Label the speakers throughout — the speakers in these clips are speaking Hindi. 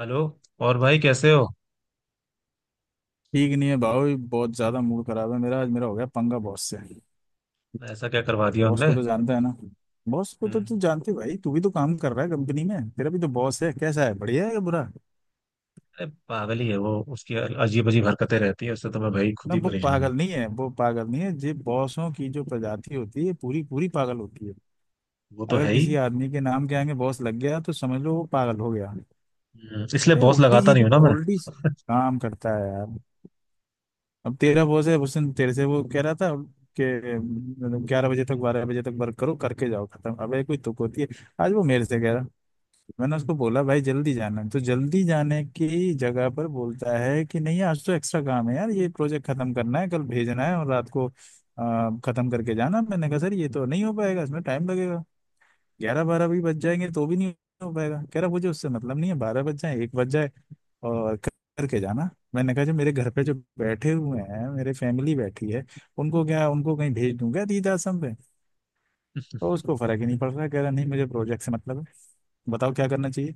Speaker 1: हेलो। और भाई कैसे हो?
Speaker 2: ठीक नहीं है भाई। बहुत ज्यादा मूड खराब है मेरा। आज मेरा हो गया पंगा बॉस से।
Speaker 1: ऐसा क्या करवा दिया
Speaker 2: बॉस
Speaker 1: उनने?
Speaker 2: को तो जानता है ना बॉस को तो तू
Speaker 1: हम्म,
Speaker 2: जानती है भाई। तू भी तो काम कर रहा है कंपनी में, तेरा भी तो बॉस है। कैसा है, बढ़िया है या बुरा?
Speaker 1: अरे पागल ही है वो। उसकी अजीब अजीब हरकतें रहती है, उससे तो मैं भाई खुद
Speaker 2: ना,
Speaker 1: ही
Speaker 2: वो
Speaker 1: परेशान हूँ।
Speaker 2: पागल नहीं है। ये बॉसों की जो प्रजाति होती है, पूरी पूरी पागल होती है।
Speaker 1: वो तो
Speaker 2: अगर
Speaker 1: है ही।
Speaker 2: किसी आदमी के नाम के आगे बॉस लग गया तो समझ लो वो पागल हो गया।
Speaker 1: इसलिए
Speaker 2: अरे
Speaker 1: बॉस
Speaker 2: उल्टी
Speaker 1: लगाता नहीं
Speaker 2: सीधी
Speaker 1: हूँ ना मैं।
Speaker 2: उल्टी काम करता है यार। अब तेरा बॉस है, उस दिन तेरे से वो कह रहा था कि मतलब 11 बजे तक 12 बजे तक वर्क करो करके जाओ खत्म। अबे कोई तुक होती है? आज वो मेरे से कह रहा, मैंने उसको बोला भाई जल्दी जाना है, तो जल्दी जाने की जगह पर बोलता है कि नहीं आज तो एक्स्ट्रा काम है यार, ये प्रोजेक्ट खत्म करना है, कल भेजना है, और रात को खत्म करके जाना। मैंने कहा सर ये तो नहीं हो पाएगा, इसमें टाइम लगेगा। ग्यारह बारह भी बज जाएंगे तो भी नहीं हो पाएगा। कह रहा मुझे उससे मतलब नहीं है, 12 बज जाए 1 बज जाए। और करके जाना। मैंने कहा जो मेरे घर पे जो बैठे हुए हैं, मेरे फैमिली बैठी है, उनको क्या, उनको कहीं भेज दूंगा तीर्थ आश्रम पे? तो उसको फर्क ही नहीं पड़ रहा, कह रहा नहीं मुझे प्रोजेक्ट से मतलब है। बताओ क्या करना चाहिए?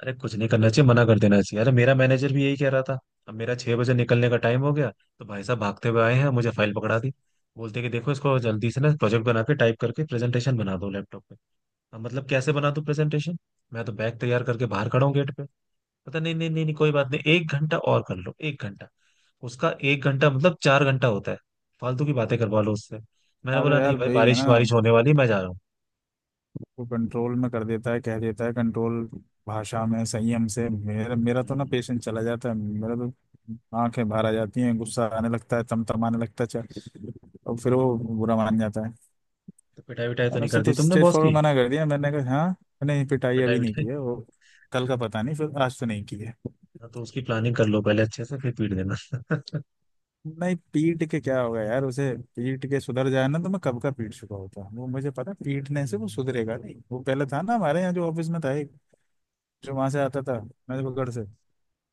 Speaker 1: अरे कुछ नहीं करना चाहिए, मना कर देना चाहिए। अरे मेरा मैनेजर भी यही कह रहा था। अब मेरा 6 बजे निकलने का टाइम हो गया, तो भाई साहब भागते हुए आए हैं, मुझे फाइल पकड़ा दी। बोलते कि देखो इसको जल्दी से ना प्रोजेक्ट बना के, टाइप करके प्रेजेंटेशन बना दो लैपटॉप पे। अब मतलब कैसे बना दो प्रेजेंटेशन? मैं तो बैग तैयार करके बाहर खड़ा हूँ गेट पे। पता नहीं नहीं नहीं नहीं, कोई बात नहीं, 1 घंटा और कर लो, एक घंटा। उसका एक घंटा मतलब 4 घंटा होता है। फालतू की बातें करवा लो उससे। मैंने
Speaker 2: अरे
Speaker 1: बोला नहीं
Speaker 2: यार
Speaker 1: भाई,
Speaker 2: भाई है
Speaker 1: बारिश
Speaker 2: ना,
Speaker 1: बारिश होने वाली है, मैं जा रहा हूँ।
Speaker 2: वो कंट्रोल में कर देता है, कह देता है कंट्रोल भाषा में संयम से। मेरा मेरा तो ना
Speaker 1: हम्म।
Speaker 2: पेशेंस चला जाता है मेरा तो। आंखें बाहर आ जाती हैं, गुस्सा आने लगता है, तमतमाने लगता है, और फिर
Speaker 1: हम्म।
Speaker 2: वो बुरा मान जाता है।
Speaker 1: तो पिटाई विटाई तो
Speaker 2: मैंने
Speaker 1: नहीं
Speaker 2: उससे
Speaker 1: कर
Speaker 2: तो
Speaker 1: दी तुमने
Speaker 2: स्ट्रेट
Speaker 1: बॉस की?
Speaker 2: फॉरवर्ड मना कर दिया, मैंने कहा हाँ। नहीं, पिटाई
Speaker 1: पिटाई
Speaker 2: अभी नहीं की
Speaker 1: विटाई।
Speaker 2: है वो। कल का पता नहीं, फिर आज तो नहीं की है।
Speaker 1: हाँ, तो उसकी प्लानिंग कर लो पहले अच्छे से, फिर पीट देना।
Speaker 2: नहीं, पीट के क्या होगा यार उसे? पीट के सुधर जाए ना तो मैं कब का पीट चुका होता। वो मुझे पता है, पीटने से वो
Speaker 1: हम्म।
Speaker 2: सुधरेगा नहीं। वो पहले था ना हमारे यहाँ जो ऑफिस में था एक, जो वहां से आता था नजबगढ़ से,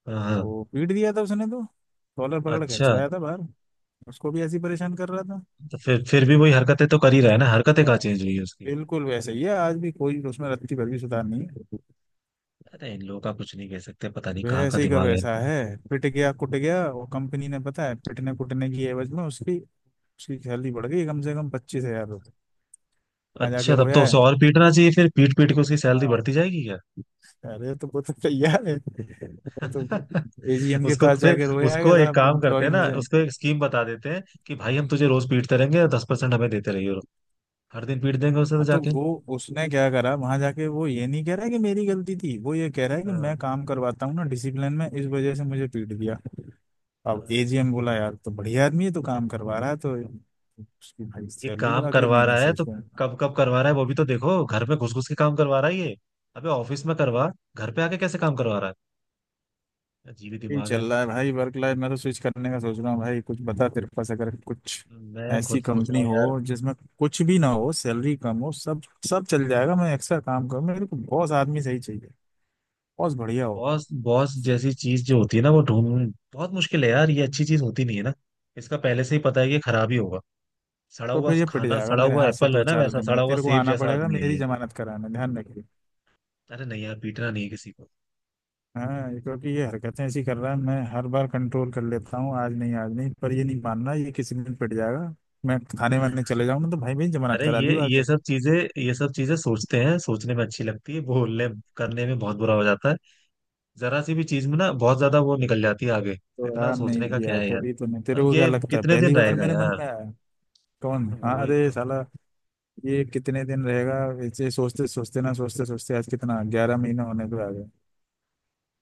Speaker 1: हाँ।
Speaker 2: वो पीट दिया था उसने तो, कॉलर पकड़ के
Speaker 1: अच्छा।
Speaker 2: चलाया था बाहर। उसको भी ऐसी परेशान कर रहा था।
Speaker 1: तो फिर भी वही हरकतें तो कर ही रहा है ना। हरकतें
Speaker 2: वाह!
Speaker 1: कहाँ चेंज हुई है उसकी?
Speaker 2: बिल्कुल वैसे ही है आज भी, कोई उसमें रत्ती भर भी सुधार नहीं है।
Speaker 1: अरे इन लोगों का कुछ नहीं कह सकते, पता नहीं कहाँ का
Speaker 2: वैसे ही का
Speaker 1: दिमाग है
Speaker 2: वैसा
Speaker 1: इनका।
Speaker 2: है। पिट गया कुट गया वो, कंपनी ने, पता है पिटने कुटने की एवज में उसकी उसकी सैलरी बढ़ गई कम से कम 25 हजार रुपये। मजा के
Speaker 1: अच्छा, तब तो
Speaker 2: रोया है।
Speaker 1: उसे और पीटना चाहिए, फिर पीट पीट के उसकी सैलरी
Speaker 2: हाँ।
Speaker 1: बढ़ती जाएगी क्या?
Speaker 2: अरे तो वो तो तैयार है वो तो। एजीएम के
Speaker 1: उसको
Speaker 2: पास
Speaker 1: फिर
Speaker 2: जाके रोया है कि
Speaker 1: उसको एक
Speaker 2: साहब
Speaker 1: काम करते
Speaker 2: एम्प्लॉय
Speaker 1: हैं ना,
Speaker 2: मुझे।
Speaker 1: उसको एक स्कीम बता देते हैं कि भाई हम तुझे रोज पीटते रहेंगे, 10% हमें देते रहिए। हर दिन पीट देंगे उसे तो
Speaker 2: हाँ तो
Speaker 1: जाके।
Speaker 2: वो, उसने क्या करा वहां जाके, वो ये नहीं कह रहा है कि मेरी गलती थी, वो ये कह रहा है कि
Speaker 1: हाँ।
Speaker 2: मैं काम करवाता हूँ ना डिसिप्लिन में, इस वजह से मुझे पीट दिया। अब
Speaker 1: अरे
Speaker 2: एजीएम बोला यार तो बढ़िया आदमी है तो काम करवा रहा है, तो उसकी भाई
Speaker 1: ये
Speaker 2: सैलरी
Speaker 1: काम
Speaker 2: बढ़ा अगले
Speaker 1: करवा
Speaker 2: महीने
Speaker 1: रहा
Speaker 2: से
Speaker 1: है तो
Speaker 2: उसको।
Speaker 1: कब कब करवा रहा है वो भी तो देखो। घर में घुस घुस के काम करवा रहा है ये। अबे ऑफिस में करवा, घर पे आके कैसे काम करवा रहा है? अजीब ही
Speaker 2: यही
Speaker 1: दिमाग
Speaker 2: चल
Speaker 1: है।
Speaker 2: रहा है भाई वर्क लाइफ। मैं तो स्विच करने का सोच रहा हूँ भाई, कुछ बता तेरे पास अगर कुछ
Speaker 1: मैं खुद
Speaker 2: ऐसी
Speaker 1: सोच रहा
Speaker 2: कंपनी
Speaker 1: हूँ
Speaker 2: हो
Speaker 1: यार।
Speaker 2: जिसमें कुछ भी ना हो, सैलरी कम हो, सब सब चल जाएगा, मैं एक्स्ट्रा काम करूँ, मेरे को बॉस आदमी सही चाहिए, बॉस बढ़िया हो।
Speaker 1: बॉस बॉस जैसी चीज जो होती है ना, वो ढूंढ बहुत मुश्किल है यार। ये अच्छी चीज होती नहीं है ना, इसका पहले से ही पता है कि ये खराब ही होगा। सड़ा
Speaker 2: तो
Speaker 1: हुआ
Speaker 2: फिर ये पिट
Speaker 1: खाना,
Speaker 2: जाएगा
Speaker 1: सड़ा
Speaker 2: मेरे
Speaker 1: हुआ
Speaker 2: हाथ से
Speaker 1: एप्पल है
Speaker 2: दो
Speaker 1: ना,
Speaker 2: चार
Speaker 1: वैसा
Speaker 2: दिन में,
Speaker 1: सड़ा हुआ
Speaker 2: तेरे को
Speaker 1: सेब
Speaker 2: आना
Speaker 1: जैसा
Speaker 2: पड़ेगा
Speaker 1: आदमी है
Speaker 2: मेरी
Speaker 1: ये।
Speaker 2: जमानत कराने, ध्यान रखिए।
Speaker 1: अरे नहीं यार, पीटना नहीं है किसी को।
Speaker 2: हाँ, क्योंकि ये हरकतें ऐसी कर रहा है, मैं हर बार कंट्रोल कर लेता हूँ, आज नहीं आज नहीं, पर ये नहीं मानना, ये किसी दिन पिट जाएगा। मैं थाने वाने चले जाऊँ ना तो भाई मेरी जमानत
Speaker 1: अरे
Speaker 2: करा
Speaker 1: ये
Speaker 2: लियो आके।
Speaker 1: ये सब चीजें, ये सब चीजें सोचते हैं, सोचने में अच्छी लगती है, बोलने करने में बहुत बुरा हो जाता है। जरा सी भी चीज में ना बहुत ज्यादा वो निकल जाती है आगे।
Speaker 2: तो
Speaker 1: इतना
Speaker 2: यार नहीं
Speaker 1: सोचने का
Speaker 2: किया
Speaker 1: क्या
Speaker 2: है
Speaker 1: है यार?
Speaker 2: तभी तो, नहीं तेरे
Speaker 1: और
Speaker 2: को क्या
Speaker 1: ये
Speaker 2: लगता है
Speaker 1: कितने
Speaker 2: पहली
Speaker 1: दिन
Speaker 2: बार
Speaker 1: रहेगा
Speaker 2: मेरे मन
Speaker 1: यार?
Speaker 2: में आया? कौन? हाँ,
Speaker 1: वही
Speaker 2: अरे
Speaker 1: तो।
Speaker 2: साला ये कितने दिन रहेगा? ऐसे सोचते सोचते ना सोचते सोचते आज कितना 11 महीना होने को आ गया।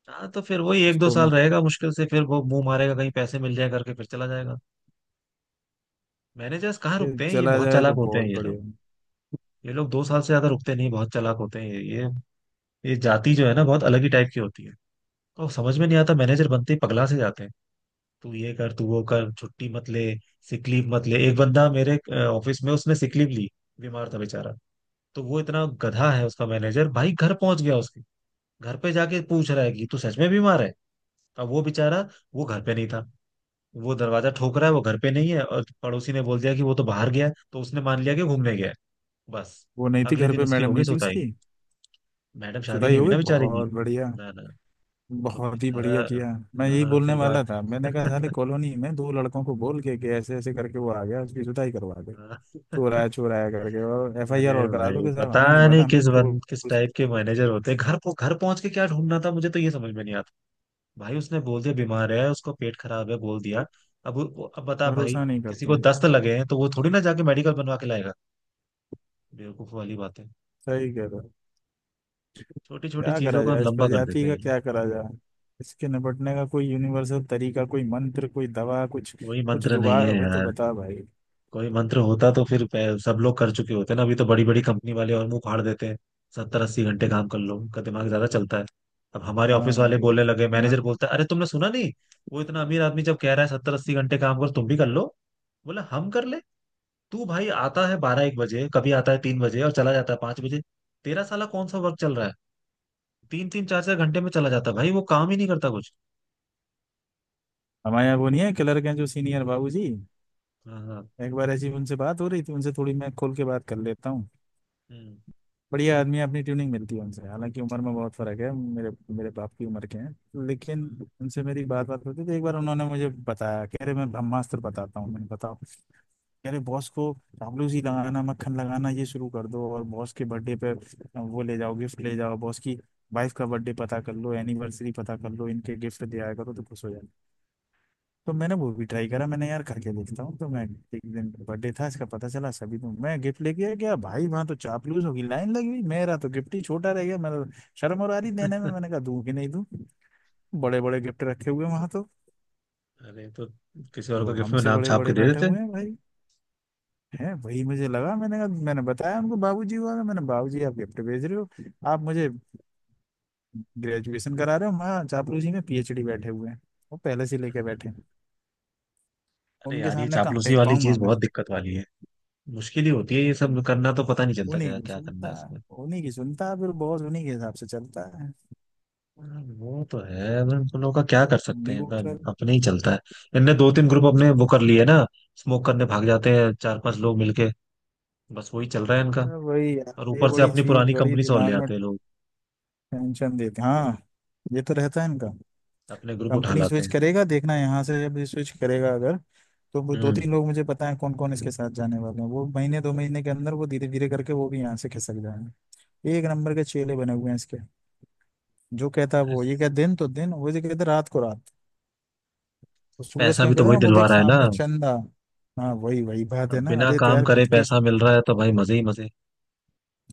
Speaker 1: हाँ, तो फिर वही एक दो
Speaker 2: इसको
Speaker 1: साल
Speaker 2: मैं,
Speaker 1: रहेगा मुश्किल से, फिर वो मुंह मारेगा कहीं पैसे मिल जाए करके, फिर चला जाएगा। मैनेजर्स कहाँ
Speaker 2: ये
Speaker 1: रुकते हैं, ये
Speaker 2: चला
Speaker 1: बहुत
Speaker 2: जाए
Speaker 1: चालाक
Speaker 2: तो
Speaker 1: होते हैं
Speaker 2: बहुत
Speaker 1: ये लोग।
Speaker 2: बढ़िया।
Speaker 1: ये लोग 2 साल से ज्यादा रुकते नहीं, बहुत चालाक होते हैं ये। ये जाति जो है ना बहुत अलग ही टाइप की होती है। तो समझ में नहीं आता, मैनेजर बनते ही पगला से जाते हैं। तू ये कर, तू वो कर, छुट्टी मत ले, सिक लीव मत ले। एक बंदा मेरे ऑफिस में, उसने सिक लीव ली, बीमार था बेचारा। तो वो इतना गधा है उसका मैनेजर, भाई घर पहुंच गया उसके। घर पे जाके पूछ रहा है कि तू सच में बीमार है? अब वो बेचारा, वो घर पे नहीं था। वो दरवाजा ठोक रहा है, वो घर पे नहीं है, और पड़ोसी ने बोल दिया कि वो तो बाहर गया है, तो उसने मान लिया कि घूमने गया है। बस।
Speaker 2: वो नहीं थी
Speaker 1: अगले
Speaker 2: घर
Speaker 1: दिन
Speaker 2: पे,
Speaker 1: उसकी
Speaker 2: मैडम
Speaker 1: हो गई
Speaker 2: नहीं थी
Speaker 1: सोताई।
Speaker 2: उसकी।
Speaker 1: मैडम, शादी
Speaker 2: जुदाई
Speaker 1: नहीं
Speaker 2: हो
Speaker 1: हुई
Speaker 2: गई,
Speaker 1: ना बेचारे की।
Speaker 2: बहुत बढ़िया।
Speaker 1: ना ना। तो
Speaker 2: बहुत ही
Speaker 1: बेचारा।
Speaker 2: बढ़िया किया। मैं यही
Speaker 1: हाँ,
Speaker 2: बोलने
Speaker 1: फिर बाद।
Speaker 2: वाला था, मैंने कहा साले कॉलोनी में दो लड़कों को बोल के कि ऐसे ऐसे करके वो आ गया, उसकी जुदाई करवा दे। चोर आया करके और एफ आई
Speaker 1: अरे
Speaker 2: आर और करा दो
Speaker 1: भाई,
Speaker 2: कि साहब
Speaker 1: पता
Speaker 2: हमें नहीं पता,
Speaker 1: नहीं
Speaker 2: हमने चोर
Speaker 1: किस
Speaker 2: से।
Speaker 1: टाइप के मैनेजर होते हैं, घर को घर पहुंच के क्या ढूंढना था, मुझे तो ये समझ में नहीं आता। भाई उसने बोल दिया बीमार है, उसको पेट खराब है बोल दिया। अब बता भाई,
Speaker 2: भरोसा नहीं
Speaker 1: किसी
Speaker 2: करते
Speaker 1: को
Speaker 2: हैं।
Speaker 1: दस्त लगे हैं तो वो थोड़ी ना जाके मेडिकल बनवा के लाएगा। बेवकूफ वाली बातें।
Speaker 2: सही कह रहे हो।
Speaker 1: छोटी छोटी
Speaker 2: क्या
Speaker 1: चीजों
Speaker 2: करा
Speaker 1: का
Speaker 2: जाए इस
Speaker 1: लंबा कर देते
Speaker 2: प्रजाति
Speaker 1: हैं
Speaker 2: का,
Speaker 1: ये लोग।
Speaker 2: क्या करा जाए? इसके निपटने का कोई यूनिवर्सल तरीका, कोई मंत्र, कोई दवा, कुछ
Speaker 1: कोई
Speaker 2: कुछ
Speaker 1: मंत्र नहीं
Speaker 2: जुगाड़
Speaker 1: है
Speaker 2: हो तो
Speaker 1: यार।
Speaker 2: बता भाई।
Speaker 1: कोई मंत्र होता तो फिर सब लोग कर चुके होते ना। अभी तो बड़ी बड़ी कंपनी वाले और मुंह फाड़ देते हैं, 70 80 घंटे काम कर लो, उनका दिमाग ज्यादा चलता है। अब हमारे ऑफिस वाले
Speaker 2: हाँ,
Speaker 1: बोलने लगे,
Speaker 2: हमारे
Speaker 1: मैनेजर बोलता है अरे तुमने सुना नहीं, वो इतना अमीर आदमी जब कह रहा है 70 80 घंटे काम करो, तुम भी कर लो। बोला हम कर ले, तू भाई आता है 12 1 बजे, कभी आता है 3 बजे और चला जाता है 5 बजे। तेरा साला कौन सा वर्क चल रहा है? तीन तीन चार चार घंटे में चला जाता है भाई, वो काम ही नहीं करता कुछ।
Speaker 2: हमारे यहाँ वो नहीं है, क्लर्क हैं जो सीनियर बाबूजी।
Speaker 1: हाँ हाँ।
Speaker 2: एक बार ऐसी उनसे बात हो रही थी, उनसे थोड़ी मैं खोल के बात कर लेता हूँ।
Speaker 1: हम्म।
Speaker 2: बढ़िया आदमी है, अपनी ट्यूनिंग मिलती है उनसे, हालांकि उम्र में बहुत फर्क है। मेरे मेरे बाप की उम्र के हैं, लेकिन उनसे मेरी बात बात होती थी। एक बार उन्होंने मुझे बताया, कह रहे मैं ब्रह्मास्त्र बताता हूँ, मैंने बताओ। कह रहे बॉस को चापलूसी लगाना, मक्खन लगाना, ये शुरू कर दो, और बॉस के बर्थडे पे वो ले जाओ, गिफ्ट ले जाओ, बॉस की वाइफ का बर्थडे पता कर लो, एनिवर्सरी पता कर लो, इनके गिफ्ट दिया करो तो खुश हो जाओ। तो मैंने वो भी ट्राई करा, मैंने यार खा के देखता हूँ तो मैं, एक दिन बर्थडे था इसका पता चला सभी, तो मैं गिफ्ट लेके आ गया। भाई वहां तो चापलूस होगी लाइन लगी हुई, मेरा तो गिफ्ट ही छोटा रह गया, मेरा शर्म और आ रही देने में, मैंने कहा दूं कि नहीं दूं। बड़े बड़े गिफ्ट रखे हुए वहां तो।
Speaker 1: अरे तो किसी और
Speaker 2: तो
Speaker 1: को गिफ्ट में
Speaker 2: हमसे
Speaker 1: नाम
Speaker 2: बड़े
Speaker 1: छाप के
Speaker 2: बड़े
Speaker 1: दे
Speaker 2: बैठे
Speaker 1: देते।
Speaker 2: हुए हैं भाई, है वही मुझे लगा। मैंने कहा, मैंने बताया उनको, बाबूजी हुआ था, मैंने बाबूजी आप गिफ्ट भेज रहे हो, आप मुझे ग्रेजुएशन करा रहे हो, वहाँ चापलूसी में पीएचडी बैठे हुए हैं, वो पहले से लेके बैठे हैं।
Speaker 1: अरे
Speaker 2: उनके
Speaker 1: यार ये
Speaker 2: सामने कहाँ
Speaker 1: चापलूसी
Speaker 2: टेक
Speaker 1: वाली
Speaker 2: पाऊंगा?
Speaker 1: चीज बहुत दिक्कत वाली है, मुश्किल ही होती है ये
Speaker 2: मैं
Speaker 1: सब करना। तो पता नहीं चलता
Speaker 2: उन्हीं
Speaker 1: क्या
Speaker 2: की
Speaker 1: क्या करना है
Speaker 2: सुनता है
Speaker 1: इसमें।
Speaker 2: उन्हीं की सुनता है, फिर बहुत उन्हीं के हिसाब से चलता है
Speaker 1: हाँ, वो तो है, अब हम उन लोगों का क्या कर सकते हैं, एकदम
Speaker 2: न्यूट्रल।
Speaker 1: अपने ही चलता है। इनने दो तीन ग्रुप अपने वो कर लिए ना, स्मोक करने भाग जाते हैं चार पांच लोग मिलके। बस वही चल रहा है इनका।
Speaker 2: वही
Speaker 1: और
Speaker 2: यार ये
Speaker 1: ऊपर से
Speaker 2: बड़ी
Speaker 1: अपनी
Speaker 2: चीज,
Speaker 1: पुरानी
Speaker 2: बड़ी
Speaker 1: कंपनी से और ले
Speaker 2: दिमाग में
Speaker 1: आते हैं लोग,
Speaker 2: टेंशन देती। हाँ, ये तो रहता है इनका।
Speaker 1: अपने ग्रुप उठा
Speaker 2: कंपनी
Speaker 1: लाते
Speaker 2: स्विच
Speaker 1: हैं।
Speaker 2: करेगा देखना, यहाँ से जब स्विच करेगा अगर, तो वो दो
Speaker 1: हम्म।
Speaker 2: तीन लोग मुझे पता है कौन कौन इसके साथ जाने वाले हैं, वो महीने दो महीने के अंदर वो धीरे धीरे करके वो भी यहाँ से खिसक जाएंगे। एक नंबर के चेले बने हुए हैं इसके। जो कहता है वो ये
Speaker 1: इस-
Speaker 2: कहता, दिन तो दिन, वो जो कहता रात को रात। वो सूरज
Speaker 1: पैसा
Speaker 2: क्या
Speaker 1: भी तो
Speaker 2: कहता है
Speaker 1: वही
Speaker 2: ना, वो
Speaker 1: दिलवा
Speaker 2: देख
Speaker 1: रहा है ना।
Speaker 2: सामने चंदा। हाँ, वही वही बात है
Speaker 1: अब
Speaker 2: ना।
Speaker 1: बिना
Speaker 2: अरे तो
Speaker 1: काम
Speaker 2: यार
Speaker 1: करे
Speaker 2: खुद की
Speaker 1: पैसा मिल रहा है तो भाई मजे ही मजे।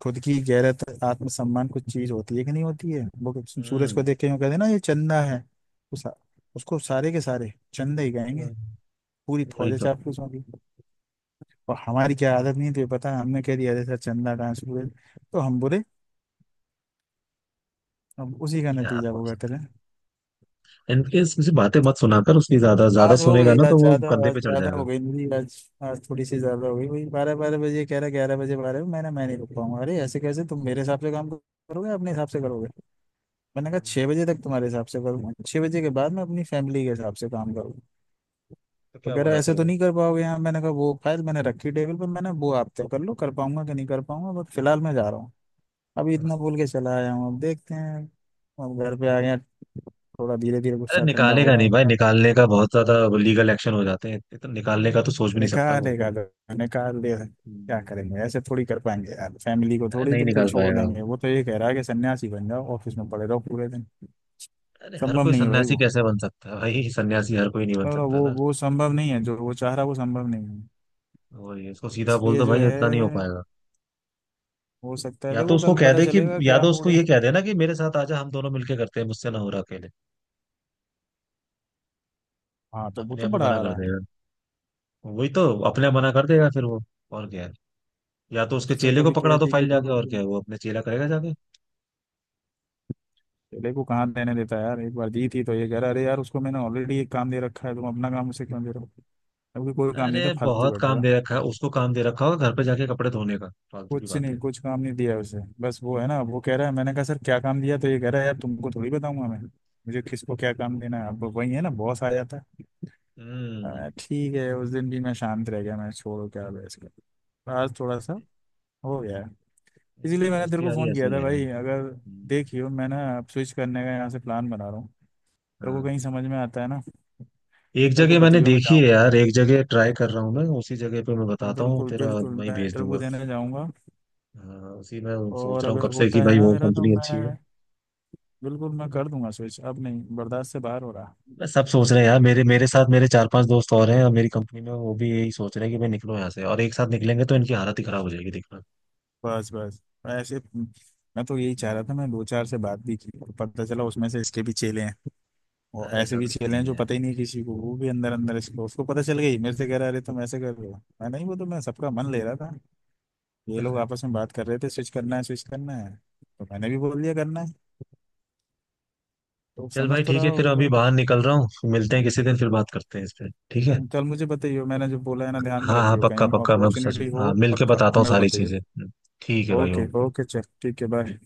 Speaker 2: खुद की गैरत आत्मसम्मान कुछ चीज होती है कि नहीं होती है वो, सूरज को
Speaker 1: हम्म।
Speaker 2: देख के यूं कहते हैं ना ये चंदा है। उस, उसको सारे के सारे चंदा ही गाएंगे।
Speaker 1: हम्म।
Speaker 2: पूरी
Speaker 1: वही
Speaker 2: फौज
Speaker 1: तो।
Speaker 2: चापलूस होगी। और हमारी क्या आदत नहीं थी पता है, हमने कह दिया अरे सर चंदा कहाँ, सूरज। तो हम बुरे, अब उसी का
Speaker 1: क्या
Speaker 2: नतीजा वो
Speaker 1: कुछ
Speaker 2: कहते रहे।
Speaker 1: इनकेस किसी बातें मत सुनाकर, उसकी ज्यादा ज्यादा सुनेगा ना तो वो कंधे
Speaker 2: आज
Speaker 1: पे चढ़
Speaker 2: ज्यादा
Speaker 1: जाएगा।
Speaker 2: हो गई मेरी आज। आज थोड़ी सी ज्यादा हो गई। वही बारह बारह बजे कह रहा, ग्यारह बजे बारह, मैंने, मैं नहीं रुक पाऊंगा। अरे ऐसे कैसे तुम मेरे हिसाब से काम करोगे अपने हिसाब से करोगे? मैंने कहा
Speaker 1: हम्म।
Speaker 2: 6 बजे तक तुम्हारे हिसाब से करूँ, 6 बजे के बाद मैं अपनी फैमिली के हिसाब से काम करूँ।
Speaker 1: तो
Speaker 2: तो
Speaker 1: क्या
Speaker 2: कह रहा
Speaker 1: बोला फिर
Speaker 2: ऐसे तो
Speaker 1: वो?
Speaker 2: नहीं कर पाओगे यार। मैंने कहा वो फाइल मैंने रखी टेबल पर, मैंने, वो आप तय कर लो कर पाऊंगा कि नहीं कर पाऊंगा, बट फिलहाल मैं जा रहा हूँ। अभी
Speaker 1: हम्म।
Speaker 2: इतना बोल के चला आया हूँ, अब देखते हैं। अब घर पे आ गया, थोड़ा धीरे धीरे
Speaker 1: अरे
Speaker 2: गुस्सा ठंडा हो
Speaker 1: निकालेगा
Speaker 2: रहा
Speaker 1: नहीं भाई,
Speaker 2: है।
Speaker 1: निकालने का बहुत ज्यादा लीगल एक्शन हो जाते हैं, इतना निकालने का तो सोच भी नहीं सकता वो।
Speaker 2: निकालेगा तो निकाल दे। क्या
Speaker 1: हम्म।
Speaker 2: करेंगे, ऐसे थोड़ी कर पाएंगे यार फैमिली को,
Speaker 1: अरे
Speaker 2: थोड़ी
Speaker 1: नहीं
Speaker 2: बिल्कुल
Speaker 1: निकाल
Speaker 2: छोड़
Speaker 1: पाएगा वो।
Speaker 2: देंगे? वो तो ये कह रहा है कि सन्यासी बन जाओ, ऑफिस में पड़े रहो पूरे दिन।
Speaker 1: अरे हर
Speaker 2: संभव
Speaker 1: कोई
Speaker 2: नहीं है भाई
Speaker 1: सन्यासी
Speaker 2: वो,
Speaker 1: कैसे बन सकता है भाई, सन्यासी हर कोई नहीं बन
Speaker 2: और
Speaker 1: सकता
Speaker 2: वो
Speaker 1: ना।
Speaker 2: वो संभव नहीं है, जो वो चाह रहा वो संभव नहीं है।
Speaker 1: वही उसको सीधा बोल
Speaker 2: इसलिए
Speaker 1: दो
Speaker 2: जो
Speaker 1: भाई, इतना नहीं हो
Speaker 2: है,
Speaker 1: पाएगा।
Speaker 2: हो सकता है,
Speaker 1: या तो
Speaker 2: देखो
Speaker 1: उसको
Speaker 2: कल
Speaker 1: कह
Speaker 2: पता
Speaker 1: दे कि,
Speaker 2: चलेगा
Speaker 1: या
Speaker 2: क्या
Speaker 1: तो
Speaker 2: मूड
Speaker 1: उसको
Speaker 2: है।
Speaker 1: ये कह दे ना कि मेरे साथ आजा, हम दोनों मिलके करते हैं, मुझसे ना हो रहा अकेले।
Speaker 2: हाँ तो वो
Speaker 1: अपने
Speaker 2: तो
Speaker 1: आप ही
Speaker 2: बढ़ा
Speaker 1: मना
Speaker 2: आ
Speaker 1: कर
Speaker 2: रहा है।
Speaker 1: देगा। वही तो अपने आप मना कर देगा फिर वो। और क्या है? या तो उसके
Speaker 2: उससे
Speaker 1: चेले को
Speaker 2: कभी
Speaker 1: पकड़ा दो
Speaker 2: कहती कि
Speaker 1: फाइल
Speaker 2: तू
Speaker 1: जाके,
Speaker 2: रुक
Speaker 1: और क्या
Speaker 2: जा।
Speaker 1: है, वो अपने चेला करेगा जाके।
Speaker 2: चेले को कहाँ देने देता है यार? एक बार दी थी तो ये कह रहा अरे यार उसको मैंने ऑलरेडी एक काम दे रखा है, तुम अपना काम उसे क्यों दे रहे हो। अभी कोई काम नहीं
Speaker 1: अरे
Speaker 2: था, फालतू
Speaker 1: बहुत
Speaker 2: बैठा
Speaker 1: काम
Speaker 2: था।
Speaker 1: दे रखा है उसको, काम दे रखा होगा घर पे जाके कपड़े धोने का। फालतू की
Speaker 2: कुछ
Speaker 1: बात
Speaker 2: नहीं,
Speaker 1: है।
Speaker 2: कुछ काम नहीं दिया उसे, बस वो है ना वो कह रहा है। मैंने कहा सर क्या काम दिया? तो ये कह रहा है यार तुमको थोड़ी बताऊंगा मैं मुझे किसको क्या काम देना है। अब वही है ना, बॉस आ जाता है।
Speaker 1: हम्म।
Speaker 2: ठीक है, उस दिन भी मैं शांत रह गया, मैं छोड़ो क्या बहस कर, आज थोड़ा सा हो गया है।
Speaker 1: इनकी
Speaker 2: इसीलिए मैंने तेरे
Speaker 1: दोस्ती
Speaker 2: को
Speaker 1: यारी
Speaker 2: फोन
Speaker 1: ऐसी
Speaker 2: किया
Speaker 1: ही
Speaker 2: था
Speaker 1: है।
Speaker 2: भाई, अगर
Speaker 1: हम्म।
Speaker 2: देखियो, मैं ना अब स्विच करने का यहाँ से प्लान बना रहा हूँ, तेरे को
Speaker 1: हाँ।
Speaker 2: कहीं समझ में आता है ना।
Speaker 1: एक
Speaker 2: तेरे को
Speaker 1: जगह मैंने
Speaker 2: बताइयो मैं
Speaker 1: देखी है
Speaker 2: जाऊँगा,
Speaker 1: यार, एक जगह ट्राई कर रहा हूँ मैं, उसी जगह पे मैं
Speaker 2: मैं
Speaker 1: बताता हूँ,
Speaker 2: बिल्कुल
Speaker 1: तेरा
Speaker 2: बिल्कुल
Speaker 1: वहीं
Speaker 2: मैं
Speaker 1: भेज
Speaker 2: इंटरव्यू
Speaker 1: दूंगा।
Speaker 2: देने जाऊँगा।
Speaker 1: हाँ उसी में सोच
Speaker 2: और
Speaker 1: रहा हूँ
Speaker 2: अगर
Speaker 1: कब से कि
Speaker 2: होता है
Speaker 1: भाई
Speaker 2: ना
Speaker 1: वो
Speaker 2: मेरा, तो
Speaker 1: कंपनी अच्छी है।
Speaker 2: मैं बिल्कुल मैं कर दूंगा स्विच, अब नहीं बर्दाश्त से बाहर हो रहा।
Speaker 1: मैं सब सोच रहे हैं यार, मेरे मेरे साथ मेरे चार पांच दोस्त और हैं और मेरी कंपनी में, वो भी यही सोच रहे हैं कि भाई निकलो यहाँ से, और एक साथ निकलेंगे तो इनकी हालत ही खराब हो जाएगी, देखना।
Speaker 2: बस बस मैं ऐसे, मैं तो यही चाह रहा था,
Speaker 1: हम्म।
Speaker 2: मैं दो चार से बात भी की तो पता चला उसमें से इसके भी चेले हैं। वो
Speaker 1: अरे
Speaker 2: ऐसे भी
Speaker 1: सब ऐसे
Speaker 2: चेले हैं
Speaker 1: ही
Speaker 2: जो
Speaker 1: है।
Speaker 2: पता ही नहीं किसी को, वो भी अंदर अंदर इसको उसको पता चल गई, मेरे से कह रहा अरे तुम ऐसे कर रहे हो। मैं नहीं, वो तो मैं सबका मन ले रहा था, ये लोग आपस में बात कर रहे थे स्विच करना है स्विच करना है, तो मैंने भी बोल दिया करना है, तो
Speaker 1: चल
Speaker 2: समझ
Speaker 1: भाई
Speaker 2: तो
Speaker 1: ठीक
Speaker 2: रहा
Speaker 1: है, फिर
Speaker 2: होगा
Speaker 1: अभी
Speaker 2: भाई।
Speaker 1: बाहर निकल रहा हूँ, मिलते हैं किसी दिन, फिर बात करते हैं इस पे, ठीक है।
Speaker 2: कल मुझे बताइए मैंने जो बोला है ना, ध्यान में
Speaker 1: हाँ हाँ,
Speaker 2: रखियो,
Speaker 1: पक्का
Speaker 2: कहीं
Speaker 1: पक्का, मैं सच
Speaker 2: अपॉर्चुनिटी
Speaker 1: हाँ
Speaker 2: हो
Speaker 1: मिल के
Speaker 2: पक्का
Speaker 1: बताता हूँ
Speaker 2: मेरे को
Speaker 1: सारी
Speaker 2: बताइए।
Speaker 1: चीजें। हम्म। ठीक है भाई,
Speaker 2: ओके
Speaker 1: ओके।
Speaker 2: ओके चल ठीक है बाय।